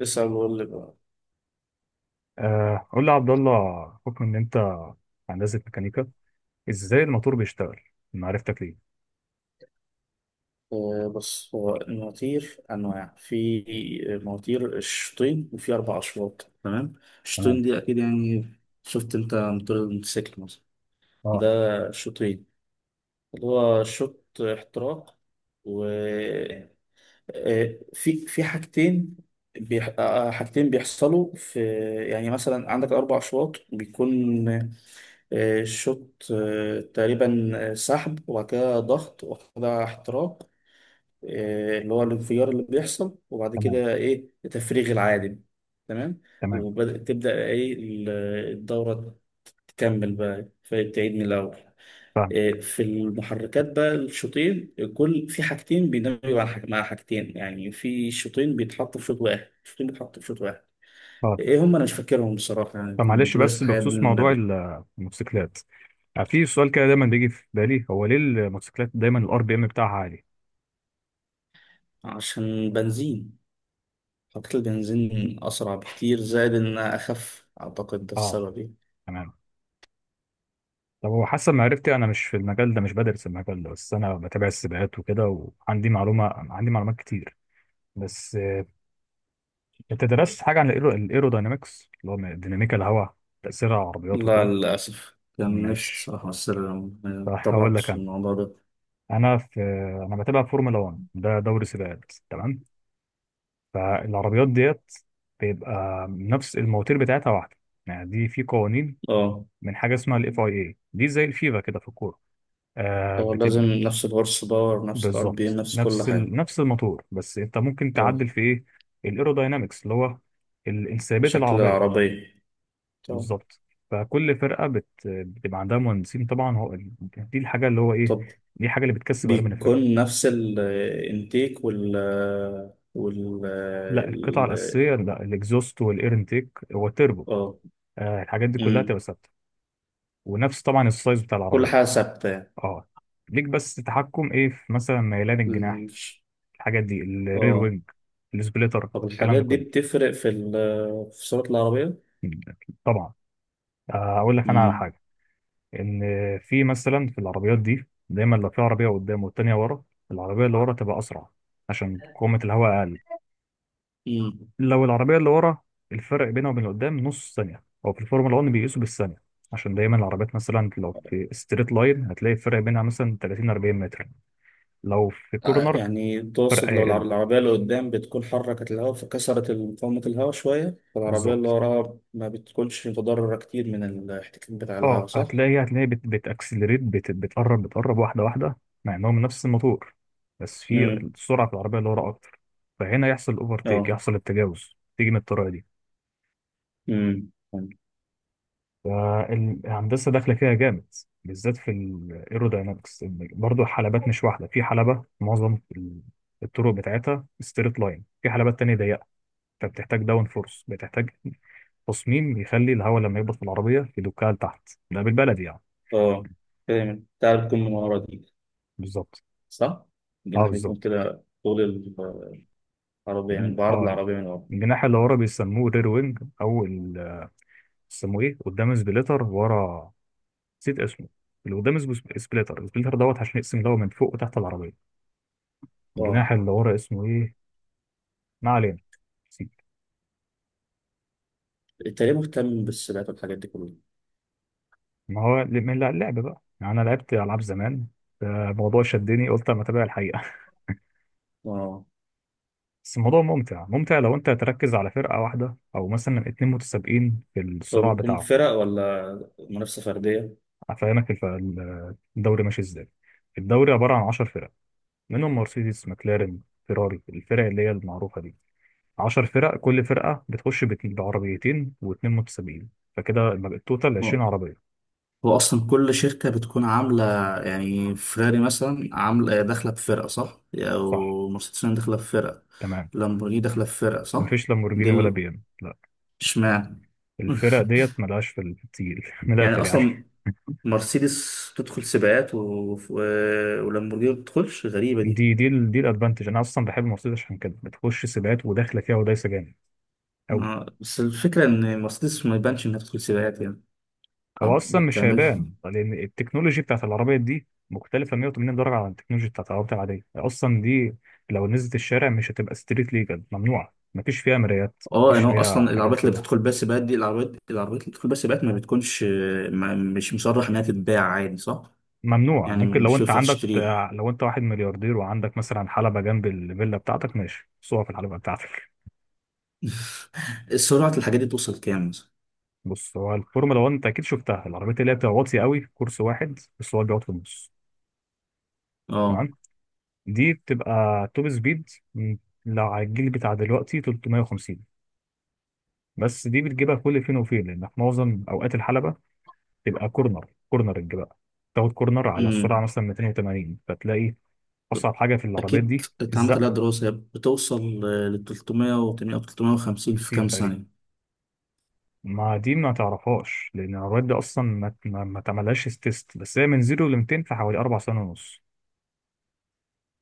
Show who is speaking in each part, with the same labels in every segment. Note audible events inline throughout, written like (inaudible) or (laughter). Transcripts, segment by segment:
Speaker 1: لسه بقول لك بقى.
Speaker 2: قول لي يا عبد الله، بحكم ان انت هندسه ميكانيكا، ازاي الموتور بيشتغل؟ انا عرفتك ليه.
Speaker 1: بص، هو المواتير أنواع. في مواتير الشوطين وفي أربع أشواط. تمام،
Speaker 2: تمام.
Speaker 1: الشوطين دي أكيد يعني. شفت أنت موتور الموتوسيكل مثلا، ده
Speaker 2: اه.
Speaker 1: شوطين، اللي هو شوط احتراق و في حاجتين. بيح... آه، آه، حاجتين بيحصلوا في، يعني مثلا عندك أربع أشواط بيكون شوط، تقريبا سحب، وبعد كده ضغط، وبعد كده احتراق، اللي هو الانفجار اللي بيحصل، وبعد
Speaker 2: تمام.
Speaker 1: كده ايه تفريغ العادم. تمام،
Speaker 2: تمام.
Speaker 1: وتبدأ ايه الدورة، تكمل بقى فتعيد من الأول.
Speaker 2: فاهم.
Speaker 1: في المحركات بقى الشوطين، كل في حاجتين بيندمجوا على مع حاجتين، يعني في شوطين بيتحطوا في شوط واحد، شوطين بيتحطوا في شوط واحد.
Speaker 2: اه.
Speaker 1: ايه هم؟ انا مش فاكرهم بصراحة، يعني
Speaker 2: فمعلش،
Speaker 1: كنت دارس
Speaker 2: بس
Speaker 1: الحاجات دي
Speaker 2: بخصوص
Speaker 1: من
Speaker 2: موضوع
Speaker 1: بدري.
Speaker 2: الموتوسيكلات، في سؤال كده دايما بيجي في بالي، هو ليه الموتوسيكلات دايما الار بي ام بتاعها عالي؟
Speaker 1: عشان بنزين، حطيت البنزين أسرع بكتير، زائد إنها أخف، أعتقد ده
Speaker 2: اه.
Speaker 1: السبب يعني.
Speaker 2: تمام. طب هو حسب معرفتي انا مش في المجال ده، مش بدرس المجال ده، بس انا بتابع السباقات وكده، وعندي معلومه، عندي معلومات كتير، بس انت درست حاجه عن الايروداينامكس، اللي هو ديناميكا الهواء، تاثير على العربيات
Speaker 1: لا،
Speaker 2: وكده؟
Speaker 1: للأسف، كان نفسي
Speaker 2: ماشي.
Speaker 1: الصراحة، بس ما
Speaker 2: صح، هقول لك.
Speaker 1: اتطرقتش للموضوع ده.
Speaker 2: انا في انا بتابع فورمولا 1، ده دوري سباقات، تمام. فالعربيات ديت بيبقى نفس المواتير، بتاعتها واحده. يعني دي في قوانين
Speaker 1: اه،
Speaker 2: من حاجه اسمها الاف اي اي دي، زي الفيفا كده في الكوره.
Speaker 1: هو لازم
Speaker 2: بتبقى
Speaker 1: نفس الهورس باور، نفس الار بي ام،
Speaker 2: بالظبط،
Speaker 1: نفس كل
Speaker 2: نفس
Speaker 1: حاجة.
Speaker 2: نفس الموتور، بس انت ممكن تعدل
Speaker 1: اه،
Speaker 2: في ايه؟ الايروداينامكس، اللي هو انسيابيه
Speaker 1: شكل
Speaker 2: العربيه.
Speaker 1: العربية. طب.
Speaker 2: بالظبط. فكل فرقه بتبقى عندها مهندسين، طبعا هو دي الحاجه اللي هو ايه،
Speaker 1: طب
Speaker 2: دي الحاجه اللي بتكسب غالبا الفرقه.
Speaker 1: بيكون نفس الانتيك وال وال
Speaker 2: لا، القطعة الأساسية،
Speaker 1: ال-
Speaker 2: لا، الإكزوست والإير انتيك والتربو،
Speaker 1: اه.
Speaker 2: الحاجات دي كلها
Speaker 1: أمم.
Speaker 2: تبقى ثابتة، ونفس طبعا السايز بتاع
Speaker 1: كل
Speaker 2: العربية.
Speaker 1: حاجة ثابتة يعني.
Speaker 2: اه، ليك بس تحكم إيه في مثلا ميلان الجناح،
Speaker 1: مش-
Speaker 2: الحاجات دي، الرير
Speaker 1: اه.
Speaker 2: وينج، السبليتر،
Speaker 1: طب
Speaker 2: الكلام ده
Speaker 1: الحاجات دي
Speaker 2: كله.
Speaker 1: بتفرق في ال، في سرعة العربية؟
Speaker 2: مم. طبعا. أقول لك أنا على
Speaker 1: أمم.
Speaker 2: حاجة، إن في، مثلا، في العربيات دي دايما، لو في عربية قدام والتانية ورا، العربية اللي ورا تبقى أسرع، عشان قوة الهواء أقل.
Speaker 1: أمم.
Speaker 2: لو العربية اللي ورا، الفرق بينها وبين اللي قدام نص ثانية، هو في الفورمولا 1 بيقيسوا بالثانية. عشان دايما العربيات، مثلا لو في ستريت لاين، هتلاقي الفرق بينها مثلا 30 40 متر. لو في
Speaker 1: ع-
Speaker 2: كورنر،
Speaker 1: يعني
Speaker 2: فرق
Speaker 1: تقصد لو العر-
Speaker 2: هيقل.
Speaker 1: العربية اللي قدام بتكون حركت الهواء، فكسرت مقاومة الهواء شوية، فالعربية اللي
Speaker 2: بالظبط.
Speaker 1: وراها ما بتكونش متضررة كتير من الاحتكاك بتاع الهواء،
Speaker 2: اه،
Speaker 1: صح؟
Speaker 2: فهتلاقي بتأكسلريت، بتقرب، بتقرب واحدة واحدة، مع انهم نفس الموتور، بس في
Speaker 1: امم.
Speaker 2: السرعة في العربية اللي ورا أكتر. فهنا يحصل أوفرتيك،
Speaker 1: اه.
Speaker 2: يحصل التجاوز، تيجي من الطريقة دي.
Speaker 1: امم.
Speaker 2: فالهندسة داخلة فيها جامد، بالذات في الايروداينامكس. برضه الحلبات مش واحدة، في حلبة معظم الطرق بتاعتها ستريت لاين، في حلبات تانية ضيقة، فبتحتاج داون فورس، بتحتاج تصميم يخلي الهواء لما يخبط في العربية يدكها لتحت، ده بالبلدي يعني.
Speaker 1: اه، فاهم، بتاع بتكون من ورا دي،
Speaker 2: بالظبط.
Speaker 1: صح؟
Speaker 2: اه،
Speaker 1: الجناح بيكون
Speaker 2: بالظبط.
Speaker 1: كده طول العربية، يعني
Speaker 2: ال-
Speaker 1: بعرض
Speaker 2: اه
Speaker 1: العربية من ورا.
Speaker 2: الجناح اللي ورا بيسموه رير وينج، او بيسموه ايه، قدام سبليتر، ورا نسيت اسمه. اللي قدام اسمه سبليتر. السبليتر دوت عشان يقسم الهواء من فوق وتحت العربية.
Speaker 1: اه،
Speaker 2: الجناح اللي ورا اسمه ايه؟ ما علينا، سيب.
Speaker 1: التاني مهتم بالسباقات والحاجات دي كلها.
Speaker 2: ما هو من اللعب بقى، يعني انا لعبت العاب زمان، الموضوع شدني، قلت اما اتابع الحقيقه.
Speaker 1: اه،
Speaker 2: (laughs) بس الموضوع ممتع ممتع، لو انت تركز على فرقه واحده، او مثلا 2 متسابقين في
Speaker 1: هو
Speaker 2: الصراع
Speaker 1: بيكون
Speaker 2: بتاعه.
Speaker 1: فرق ولا منافسة فردية؟
Speaker 2: افهمك الدوري ماشي ازاي. الدوري عباره عن 10 فرق، منهم مرسيدس، مكلارن، فيراري، الفرق اللي هي المعروفه دي. 10 فرق، كل فرقه بتخش بعربيتين و2 متسابقين، فكده يبقى التوتال 20 عربيه.
Speaker 1: هو اصلا كل شركه بتكون عامله، يعني فيراري مثلا عامله داخله بفرقه، صح؟
Speaker 2: صح.
Speaker 1: او مرسيدس بنز داخله بفرقه،
Speaker 2: تمام.
Speaker 1: لامبورجيني داخله بفرقه، صح؟
Speaker 2: مفيش
Speaker 1: دي
Speaker 2: لامبورجيني ولا
Speaker 1: ال-
Speaker 2: بي ام، لا.
Speaker 1: اشمعنى؟
Speaker 2: الفرق
Speaker 1: (laughs)
Speaker 2: ديت ملهاش في التقيل (laughs) من
Speaker 1: يعني
Speaker 2: الاخر يعني.
Speaker 1: اصلا مرسيدس تدخل سباقات و... و... ولامبورجيني ما بتدخلش، غريبه دي.
Speaker 2: دي الادفانتج، انا اصلا بحب مرسيدس عشان كده، بتخش سباقات وداخله فيها ودايسه جامد قوي.
Speaker 1: بس الفكره ان مرسيدس ما يبانش انها بتدخل سباقات يعني. أو
Speaker 2: هو اصلا
Speaker 1: ما
Speaker 2: مش
Speaker 1: بتعملش.
Speaker 2: هيبان، لان التكنولوجي بتاعت العربيه دي مختلفه 180 درجه عن التكنولوجي بتاعت العربيه العاديه اصلا دي. لو نزلت الشارع مش هتبقى ستريت ليجل، ممنوعه، مفيش فيها مرايات،
Speaker 1: اه،
Speaker 2: مفيش
Speaker 1: يعني هو
Speaker 2: فيها
Speaker 1: اصلا
Speaker 2: الحاجات دي
Speaker 1: العربيات اللي
Speaker 2: كلها.
Speaker 1: بتدخل بيها سباقات دي، العربيات اللي بتدخل بيها سباقات ما بتكونش، ما مش مصرح انها تتباع عادي، صح؟
Speaker 2: ممنوعه،
Speaker 1: يعني
Speaker 2: ممكن
Speaker 1: مش ينفع تشتريه.
Speaker 2: لو انت واحد ملياردير وعندك مثلا حلبه جنب الفيلا بتاعتك، ماشي صور في الحلبه بتاعتك.
Speaker 1: (laughs) سرعة الحاجات دي توصل كام مثلا؟
Speaker 2: بص، هو الفورمولا 1 انت اكيد شفتها، العربيات اللي هي بتبقى واطيه قوي، في كورس واحد بس هو بيقعد في النص.
Speaker 1: اه.
Speaker 2: تمام. دي بتبقى توب سبيد، م، لو على الجيل بتاع دلوقتي 350. بس دي بتجيبها كل فين وفين، لان في معظم اوقات الحلبه تبقى كورنر، كورنر بقى تاخد كورنر على السرعه
Speaker 1: امم.
Speaker 2: مثلا 280 فتلاقي. اصعب حاجه في العربيات
Speaker 1: أكيد
Speaker 2: دي
Speaker 1: اتعملت عليها
Speaker 2: الزقه.
Speaker 1: دراسة. هي بتوصل ل 300 و 800 أو 350 في
Speaker 2: 50
Speaker 1: كام
Speaker 2: تقريبا.
Speaker 1: ثانية؟
Speaker 2: ما دي ما تعرفهاش لان العربيات دي اصلا ما تعملهاش تيست، بس هي من 0 ل 200 في حوالي 4 سنين ونص.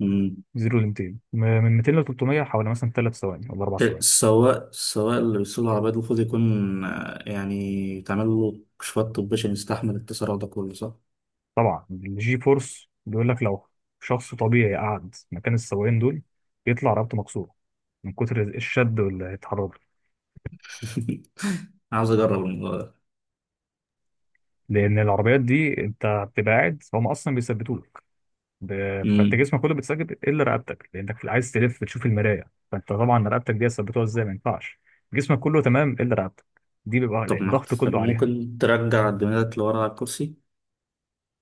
Speaker 1: امم.
Speaker 2: 0 ل 200، من 200 ل 300 حوالي مثلا 3 ثواني ولا 4
Speaker 1: ده
Speaker 2: ثواني.
Speaker 1: سواء اللي بيسوق العربية دي المفروض يكون، يعني تعمل له كشوفات طبية عشان يستحمل التسارع ده كله، صح؟
Speaker 2: طبعا الجي فورس، بيقول لك لو شخص طبيعي قعد مكان السواقين دول يطلع رقبته مكسوره من كتر الشد واللي هيتحرك له.
Speaker 1: (laughs) عاوز أجرب الموضوع ده.
Speaker 2: لان العربيات دي انت بتبقى قاعد، هم اصلا بيثبتوا لك ب... فانت
Speaker 1: امم.
Speaker 2: جسمك كله بيتثبت الا رقبتك، لانك عايز تلف تشوف المرايه، فانت طبعا رقبتك دي ثبتوها ازاي، ما ينفعش جسمك كله تمام الا رقبتك. دي بيبقى
Speaker 1: طب ما
Speaker 2: الضغط
Speaker 1: طب
Speaker 2: كله عليها.
Speaker 1: ممكن ترجع الدماغ لورا على الكرسي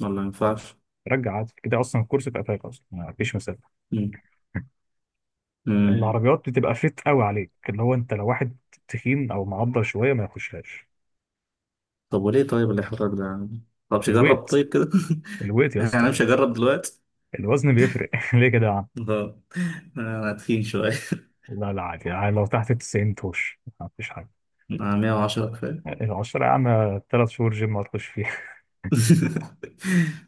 Speaker 1: ولا ما ينفعش؟
Speaker 2: رجع عادي كده، اصلا الكرسي في قفاك، اصلا ما فيش مسافه.
Speaker 1: امم. امم.
Speaker 2: العربيات بتبقى فيت قوي عليك، اللي هو انت لو واحد تخين او معضل شويه ما يخشهاش.
Speaker 1: طب وليه طيب الإحراج ده يعني؟ طب مش أجرب
Speaker 2: الويت،
Speaker 1: طيب كده.
Speaker 2: الويت يا
Speaker 1: (laughs) يعني مش
Speaker 2: اسطى،
Speaker 1: هجرب دلوقتي.
Speaker 2: الوزن بيفرق (laughs) ليه كده يا عم؟
Speaker 1: اه، أنا تخين شوية. (laughs)
Speaker 2: لا، لا، عادي يعني، لو تحت ال 90 تخش ما فيش حاجه.
Speaker 1: أنا 110 كفاية.
Speaker 2: العشرة يا عم، 3 شهور جيم ما تخش فيها.
Speaker 1: (laughs)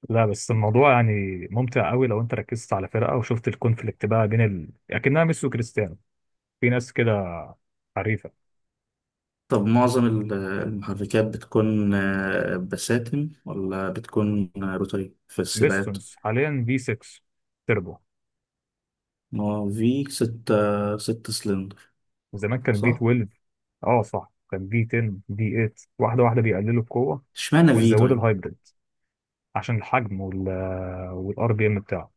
Speaker 2: (laughs) لا، بس الموضوع يعني ممتع قوي، لو انت ركزت على فرقه وشفت الكونفليكت بقى بين اكنها ميسي وكريستيانو، في ناس كده حريفه.
Speaker 1: طب معظم المحركات بتكون بساتم، ولا بتكون روتري في السباقات؟
Speaker 2: بيستونز حاليا في 6 تربو،
Speaker 1: ما هو في ستة، ست سلندر،
Speaker 2: وزمان كان في
Speaker 1: صح؟
Speaker 2: 12. اه صح، كان في 10، في 8، واحده واحده بيقللوا القوه
Speaker 1: اشمعنى في
Speaker 2: ويزودوا
Speaker 1: طيب؟
Speaker 2: الهايبريد عشان الحجم والار بي ام بتاعه.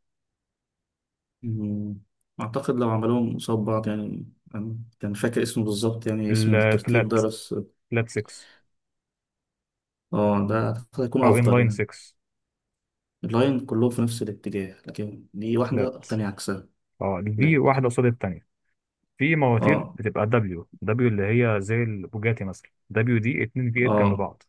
Speaker 1: مم. أعتقد لو عملوهم قصاد بعض يعني. أنا كان فاكر اسمه بالظبط، يعني اسم الترتيب
Speaker 2: الفلات
Speaker 1: ده بس.
Speaker 2: فلات 6
Speaker 1: اه، ده هيكون
Speaker 2: او ان
Speaker 1: أفضل
Speaker 2: لاين
Speaker 1: يعني.
Speaker 2: 6.
Speaker 1: اللاين كلهم في نفس الاتجاه، لكن دي واحدة
Speaker 2: فلات،
Speaker 1: التانية عكسها.
Speaker 2: اه الفي
Speaker 1: لا.
Speaker 2: واحده قصاد الثانيه. في مواتير
Speaker 1: اه.
Speaker 2: بتبقى دبليو، اللي هي زي البوجاتي مثلا، دبليو دي 2 في 8 جنب
Speaker 1: اه،
Speaker 2: بعض،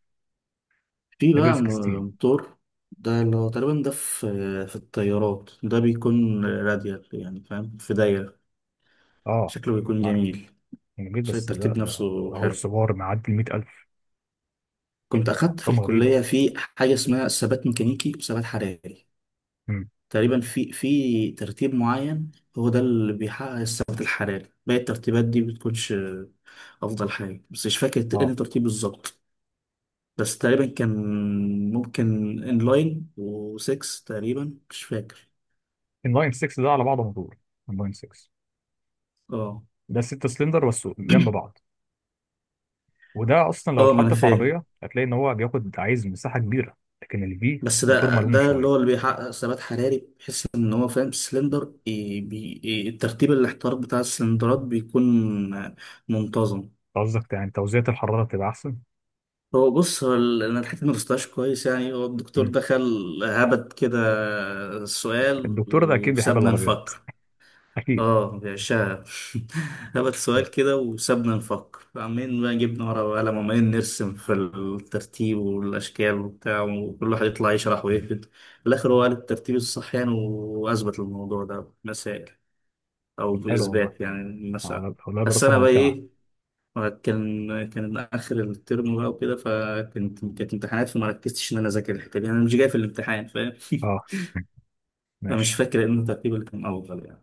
Speaker 1: في
Speaker 2: دبليو
Speaker 1: بقى
Speaker 2: 16.
Speaker 1: موتور، ده اللي هو تقريبا، ده في في الطيارات ده بيكون راديال، يعني فاهم، في دايرة.
Speaker 2: اه،
Speaker 1: شكله بيكون
Speaker 2: عارف،
Speaker 1: جميل.
Speaker 2: جميل،
Speaker 1: شكل
Speaker 2: بس ده
Speaker 1: الترتيب
Speaker 2: ده
Speaker 1: نفسه
Speaker 2: ده
Speaker 1: حلو.
Speaker 2: هورس باور معدي ال 100,000.
Speaker 1: كنت أخدت في
Speaker 2: ارقام غريبه.
Speaker 1: الكلية في حاجة اسمها ثبات ميكانيكي وثبات حراري.
Speaker 2: امم
Speaker 1: تقريبا في في ترتيب معين هو ده اللي بيحقق الثبات الحراري، باقي الترتيبات دي بتكونش أفضل حاجة، بس مش فاكر إيه
Speaker 2: اه
Speaker 1: الترتيب بالظبط. بس تقريبا كان ممكن انلاين و6 تقريبا، مش فاكر.
Speaker 2: ان لاين 6 ده على بعضه موتور. ان لاين 6
Speaker 1: اه.
Speaker 2: ده 6 سلندر بس جنب بعض، وده اصلا لو
Speaker 1: اه، ما انا
Speaker 2: اتحط في
Speaker 1: فاهم.
Speaker 2: عربيه هتلاقي ان هو عايز مساحه كبيره. لكن الفي
Speaker 1: بس
Speaker 2: موتور
Speaker 1: ده
Speaker 2: ملوم
Speaker 1: ده اللي
Speaker 2: شويه.
Speaker 1: هو اللي بيحقق ثبات حراري، بحيث ان هو فاهم سلندر إيه بي إيه، الترتيب الاحتراق بتاع السلندرات بيكون منتظم.
Speaker 2: قصدك يعني توزيعة الحراره تبقى احسن؟
Speaker 1: هو بص هو انا الحته ما درستهاش كويس يعني. هو الدكتور
Speaker 2: مم.
Speaker 1: دخل هبت كده السؤال
Speaker 2: الدكتور ده اكيد بيحب
Speaker 1: وسابنا
Speaker 2: العربيات.
Speaker 1: نفكر.
Speaker 2: اكيد.
Speaker 1: اه، بيعشقها. (laughs) هبت سؤال كده وسابنا نفكر، عمالين بقى جبنا ورقة وقلم وعمالين نرسم في الترتيب والأشكال وبتاع، وكل واحد يطلع يشرح
Speaker 2: مم.
Speaker 1: ويكتب. في الآخر هو قال الترتيب الصح يعني، وأثبت الموضوع ده مسائل، أو
Speaker 2: طب حلو والله،
Speaker 1: بإثبات يعني مسائل.
Speaker 2: والله
Speaker 1: بس
Speaker 2: دراسه
Speaker 1: أنا بقى
Speaker 2: ممتعه.
Speaker 1: إيه، كان كان آخر الترم بقى وكده، فكنت كانت امتحانات، فما ركزتش إن أنا أذاكر الحتة دي، أنا مش جاي في الامتحان، فاهم. (laughs)
Speaker 2: اه. مم.
Speaker 1: فمش
Speaker 2: ماشي.
Speaker 1: فاكر إن الترتيب اللي كان أفضل يعني.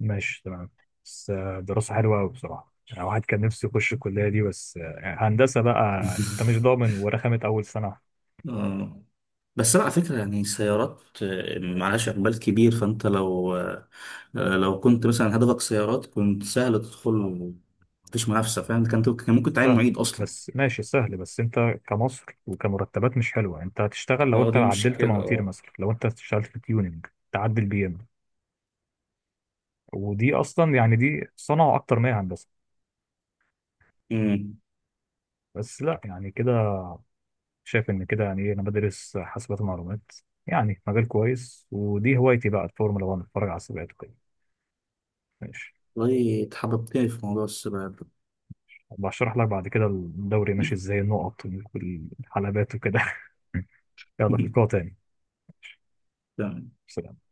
Speaker 2: ماشي. تمام. بس دراسه حلوه قوي بصراحه، يعني واحد كان نفسه يخش الكليه دي، بس هندسه بقى انت مش
Speaker 1: (laughs)
Speaker 2: ضامن، ورخمت اول سنه.
Speaker 1: آه. بس انا على فكره يعني السيارات، معلهاش اقبال كبير، فانت لو لو كنت مثلا هدفك سيارات كنت سهل تدخل، مفيش منافسه، فاهم، كان كان ممكن تعين
Speaker 2: سهل.
Speaker 1: معيد اصلا.
Speaker 2: بس ماشي، سهل. بس انت كمصر وكمرتبات مش حلوه، انت هتشتغل لو
Speaker 1: اه،
Speaker 2: انت
Speaker 1: دي
Speaker 2: عدلت
Speaker 1: مشكلة.
Speaker 2: مواتير،
Speaker 1: اه.
Speaker 2: مثلا لو انت اشتغلت في تيوننج، تعدل بي ام، ودي اصلا يعني دي صنعه اكتر ما هي هندسه.
Speaker 1: امم.
Speaker 2: بس لا يعني كده، شايف ان كده يعني ايه، انا بدرس حاسبات ومعلومات، يعني مجال كويس، ودي هوايتي بقى الفورمولا 1، اتفرج على السباقات وكده. ماشي.
Speaker 1: والله اتحببتني في موضوع السباحه ده.
Speaker 2: بشرح لك بعد كده الدوري ماشي ازاي، النقط والحلبات وكده (laughs) يلا في القوة
Speaker 1: (laughs)
Speaker 2: تاني.
Speaker 1: تمام.
Speaker 2: سلام.